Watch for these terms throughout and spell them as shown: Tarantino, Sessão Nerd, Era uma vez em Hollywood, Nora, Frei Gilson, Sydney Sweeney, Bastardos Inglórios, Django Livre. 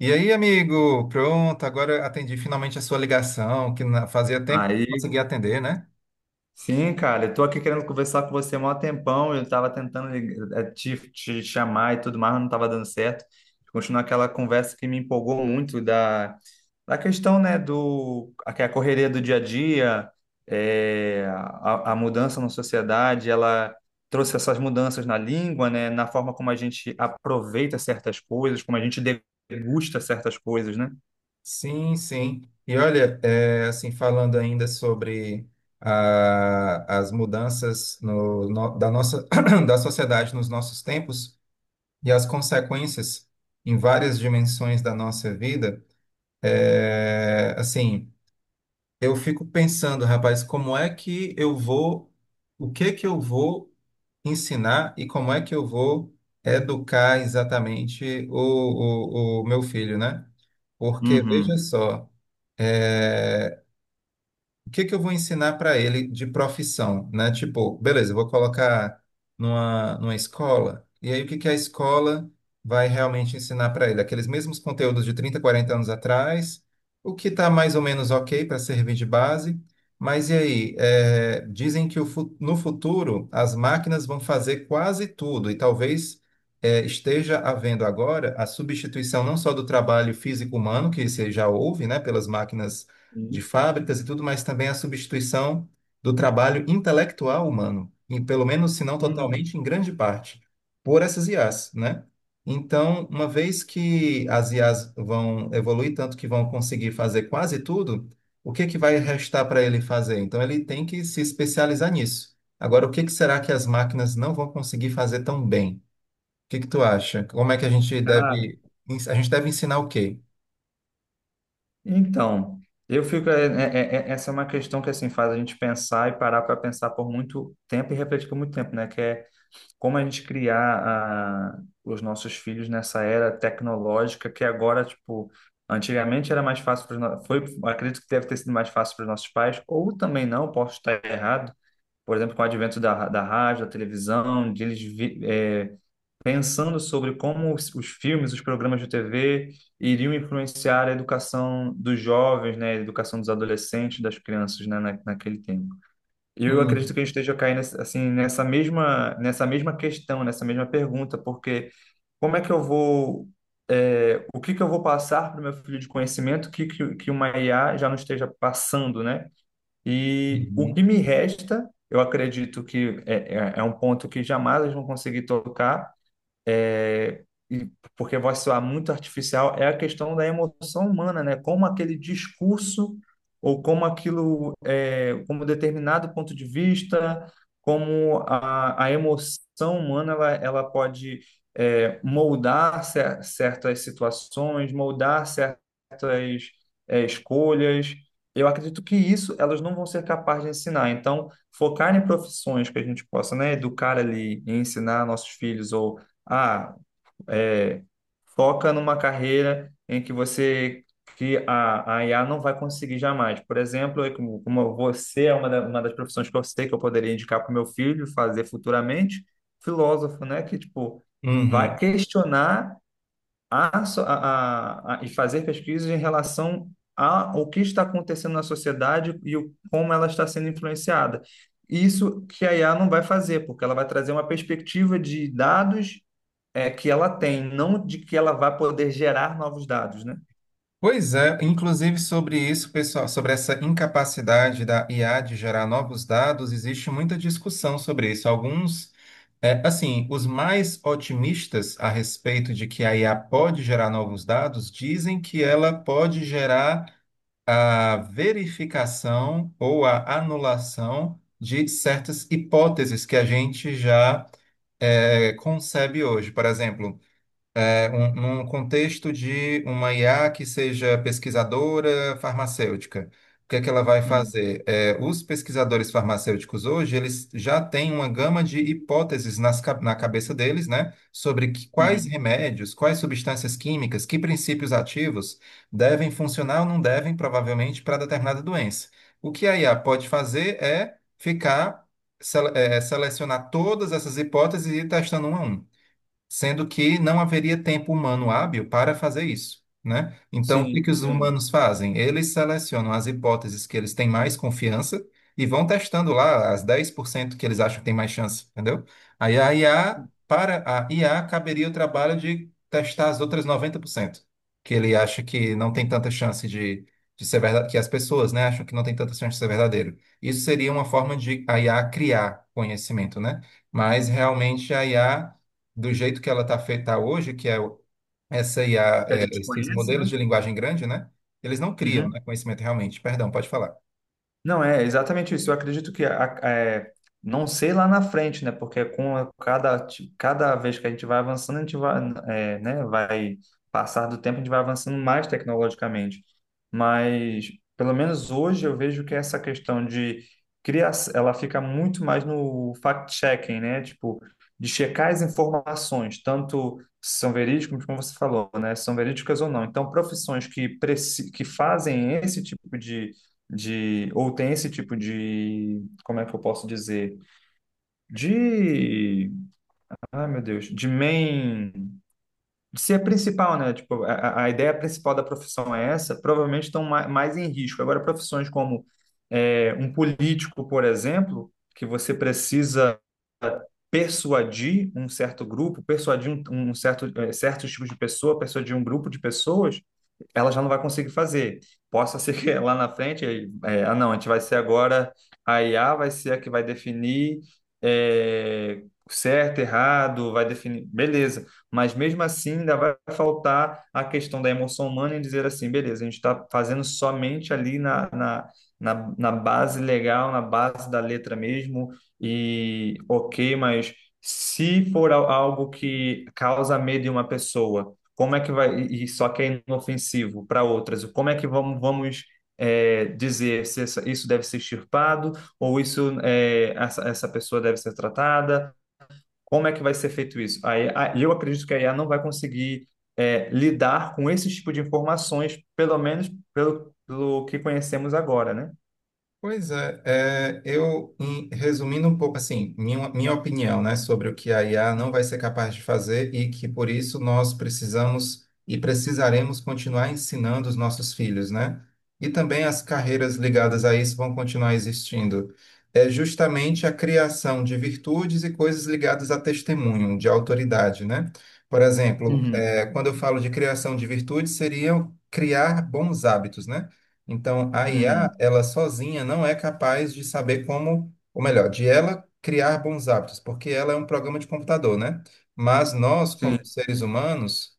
E aí, amigo? Pronto, agora atendi finalmente a sua ligação, que fazia tempo que não Aí, conseguia atender, né? sim, cara, eu tô aqui querendo conversar com você há mó tempão, eu tava tentando te chamar e tudo mais, mas não tava dando certo. Continuar aquela conversa que me empolgou muito da questão, né, que é a correria do dia a dia, a mudança na sociedade, ela trouxe essas mudanças na língua, né, na forma como a gente aproveita certas coisas, como a gente degusta certas coisas, né? Sim, sim. E olha, assim, falando ainda sobre as mudanças da nossa, da sociedade nos nossos tempos e as consequências em várias dimensões da nossa vida, assim, eu fico pensando, rapaz, como é que eu vou, o que que eu vou ensinar e como é que eu vou educar exatamente o meu filho, né? Porque, veja Uhum. só, eh, o que que eu vou ensinar para ele de profissão, né? Tipo, beleza, eu vou colocar numa escola, e aí o que que a escola vai realmente ensinar para ele? Aqueles mesmos conteúdos de 30, 40 anos atrás, o que está mais ou menos ok para servir de base, mas e aí? É, dizem que o no futuro as máquinas vão fazer quase tudo, e talvez. Esteja havendo agora a substituição não só do trabalho físico humano, que você já ouve, né, pelas máquinas de fábricas e tudo, mas também a substituição do trabalho intelectual humano, em pelo menos, se não Hum, totalmente, em grande parte, por essas IAs, né? Então, uma vez que as IAs vão evoluir tanto que vão conseguir fazer quase tudo, o que que vai restar para ele fazer? Então, ele tem que se especializar nisso. Agora, o que que será que as máquinas não vão conseguir fazer tão bem? O que que tu acha? Como é que a gente cara, deve, a gente deve ensinar o quê? então, eu fico. Essa é uma questão que assim faz a gente pensar e parar para pensar por muito tempo e refletir por muito tempo, né? Que é como a gente criar os nossos filhos nessa era tecnológica que agora, tipo, antigamente era mais fácil acredito que deve ter sido mais fácil para os nossos pais, ou também não, posso estar errado. Por exemplo, com o advento da rádio, da televisão, de eles pensando sobre como os filmes, os programas de TV iriam influenciar a educação dos jovens, né, a educação dos adolescentes, das crianças, né, naquele tempo. E eu Hum. acredito que a gente esteja caindo assim nessa mesma questão, nessa mesma pergunta, porque como é que eu vou é, o que que eu vou passar para o meu filho de conhecimento que uma IA já não esteja passando, né? E o que me Uhum. resta, eu acredito que é, é um ponto que jamais eles vão conseguir tocar, é, e porque vai soar muito artificial, é a questão da emoção humana, né? Como aquele discurso ou como aquilo, é, como determinado ponto de vista, como a emoção humana, ela pode é, moldar certas situações, moldar certas escolhas. Eu acredito que isso elas não vão ser capazes de ensinar. Então, focar em profissões que a gente possa, né, educar ali e ensinar nossos filhos ou ah, é, foca numa carreira em que você que a IA não vai conseguir jamais. Por exemplo, como você é uma, uma das profissões que eu sei que eu poderia indicar para o meu filho fazer futuramente, filósofo, né? Que tipo vai Uhum. questionar a, so- a- e fazer pesquisas em relação a o que está acontecendo na sociedade como ela está sendo influenciada. Isso que a IA não vai fazer, porque ela vai trazer uma perspectiva de dados é que ela tem, não de que ela vai poder gerar novos dados, né? Pois é, inclusive sobre isso, pessoal, sobre essa incapacidade da IA de gerar novos dados, existe muita discussão sobre isso. Alguns, assim, os mais otimistas a respeito de que a IA pode gerar novos dados dizem que ela pode gerar a verificação ou a anulação de certas hipóteses que a gente já, concebe hoje. Por exemplo, num contexto de uma IA que seja pesquisadora farmacêutica, o que é que ela vai Uhum, fazer? É, os pesquisadores farmacêuticos hoje, eles já têm uma gama de hipóteses nas, na cabeça deles, né, sobre quais uhum. remédios, quais substâncias químicas, que princípios ativos devem funcionar ou não devem, provavelmente, para determinada doença. O que a IA pode fazer é ficar, selecionar todas essas hipóteses e ir testando uma a uma sendo que não haveria tempo humano hábil para fazer isso, né? Então, o que Sim, que os sim. humanos fazem? Eles selecionam as hipóteses que eles têm mais confiança e vão testando lá as 10% que eles acham que tem mais chance, entendeu? Aí a IA, para a IA, caberia o trabalho de testar as outras 90% que ele acha que não tem tanta chance de ser verdade, que as pessoas, né, acham que não tem tanta chance de ser verdadeiro. Isso seria uma forma de a IA criar conhecimento, né? Mas realmente a IA do jeito que ela está feita hoje, que é essa O IA, que a gente esses conhece, modelos né? de linguagem grande, né? Eles não criam, Uhum. né, conhecimento realmente. Perdão, pode falar. Não, é exatamente isso. Eu acredito que é, não sei lá na frente, né? Porque com cada vez que a gente vai avançando, a gente vai, é, né? Vai passar do tempo, a gente vai avançando mais tecnologicamente. Mas pelo menos hoje eu vejo que essa questão de criação, ela fica muito mais no fact-checking, né? Tipo, de checar as informações, tanto se são verídicas, como você falou, né? Se são verídicas ou não. Então, profissões que, que fazem esse tipo de ou tem esse tipo de, como é que eu posso dizer? De, ai meu Deus, de main, de ser principal, né? Tipo, a ideia principal da profissão é essa, provavelmente estão mais em risco. Agora, profissões como é, um político, por exemplo, que você precisa persuadir um certo grupo, persuadir um certo, eh, certos tipos de pessoa, persuadir um grupo de pessoas, ela já não vai conseguir fazer. Possa ser que lá na frente, é, ah, não, a gente vai ser agora, a IA vai ser a que vai definir é, certo, errado, vai definir, beleza. Mas mesmo assim, ainda vai faltar a questão da emoção humana em dizer assim, beleza, a gente está fazendo somente ali na base legal, na base da letra mesmo, e ok, mas se for algo que causa medo em uma pessoa como é que vai, e só que é inofensivo para outras, como é que vamos é, dizer se isso deve ser extirpado ou isso é, essa pessoa deve ser tratada, como é que vai ser feito isso? Aí, eu acredito que a IA não vai conseguir é, lidar com esse tipo de informações, pelo menos pelo que conhecemos agora, né? Pois é, é, eu, resumindo um pouco, assim, minha opinião, né, sobre o que a IA não vai ser capaz de fazer e que por isso nós precisamos e precisaremos continuar ensinando os nossos filhos, né? E também as carreiras ligadas a isso vão continuar existindo. É justamente a criação de virtudes e coisas ligadas a testemunho, de autoridade, né? Por exemplo, Uhum, quando eu falo de criação de virtudes, seriam criar bons hábitos, né? Então, a IA, uhum. ela sozinha não é capaz de saber como, ou melhor, de ela criar bons hábitos, porque ela é um programa de computador, né? Mas nós, Sim, como seres humanos,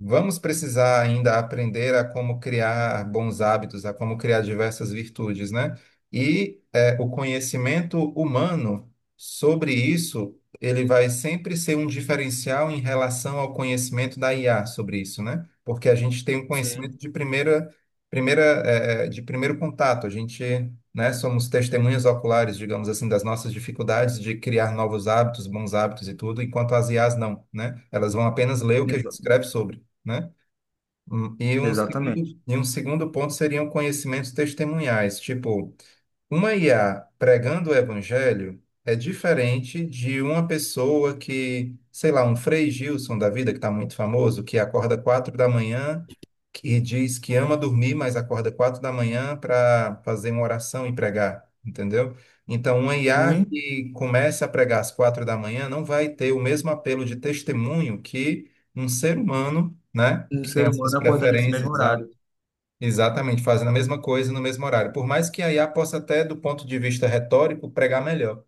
vamos precisar ainda aprender a como criar bons hábitos, a como criar diversas virtudes, né? E o conhecimento humano sobre isso, ele vai sempre ser um diferencial em relação ao conhecimento da IA sobre isso, né? Porque a gente tem um conhecimento sim, de primeira, de primeiro contato. A gente, né, somos testemunhas oculares, digamos assim, das nossas dificuldades de criar novos hábitos, bons hábitos e tudo, enquanto as IAs não, né? Elas vão apenas ler o que a gente exa- escreve sobre, né? E um exatamente. segundo, ponto seriam conhecimentos testemunhais, tipo, uma IA pregando o evangelho é diferente de uma pessoa que, sei lá, um Frei Gilson da vida, que está muito famoso, que acorda 4 da manhã e diz que ama dormir, mas acorda 4 da manhã para fazer uma oração e pregar, entendeu? Então, uma IA E que comece a pregar às 4 da manhã não vai ter o mesmo apelo de testemunho que um ser humano, né, um que tem ser as suas humano acordar nesse preferências. mesmo horário. Exatamente, fazendo a mesma coisa no mesmo horário. Por mais que a IA possa até, do ponto de vista retórico, pregar melhor.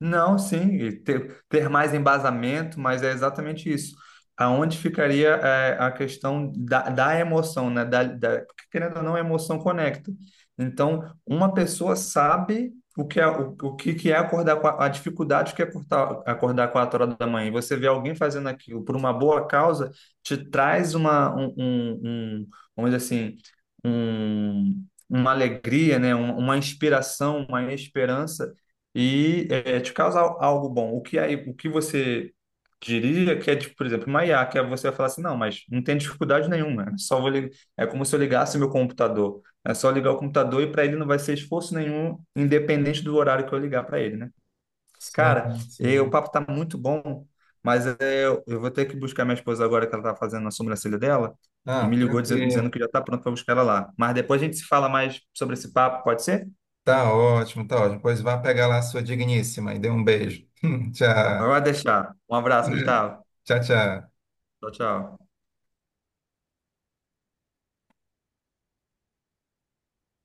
Não, sim, e ter, ter mais embasamento, mas é exatamente isso. Aonde ficaria é, a questão da emoção, né? Porque querendo ou não, a emoção conecta. Então, uma pessoa sabe o que é, o que que é acordar com a dificuldade que é acordar, acordar 4 horas da manhã. E você vê alguém fazendo aquilo por uma boa causa, te traz um, vamos dizer assim, uma alegria, né? Uma inspiração, uma esperança e é, te causar algo bom. O que aí, o que você diria que é, tipo, por exemplo, uma IA, que é você vai falar assim, não, mas não tem dificuldade nenhuma, é só é como se eu ligasse meu computador. É só ligar o computador e para ele não vai ser esforço nenhum, independente do horário que eu ligar para ele, né? Cara, Sim, eh, o sim. papo tá muito bom, mas eh, eu vou ter que buscar minha esposa agora que ela tá fazendo a sobrancelha dela e me Ah, ligou dizendo tranquilo. que já está pronto para buscar ela lá. Mas depois a gente se fala mais sobre esse papo, pode ser? Tá ótimo, tá ótimo. Pois vá pegar lá a sua digníssima e dê um beijo. Tchau. Então, vai deixar. Um abraço, Gustavo. Tchau, tchau. Tchau, tchau.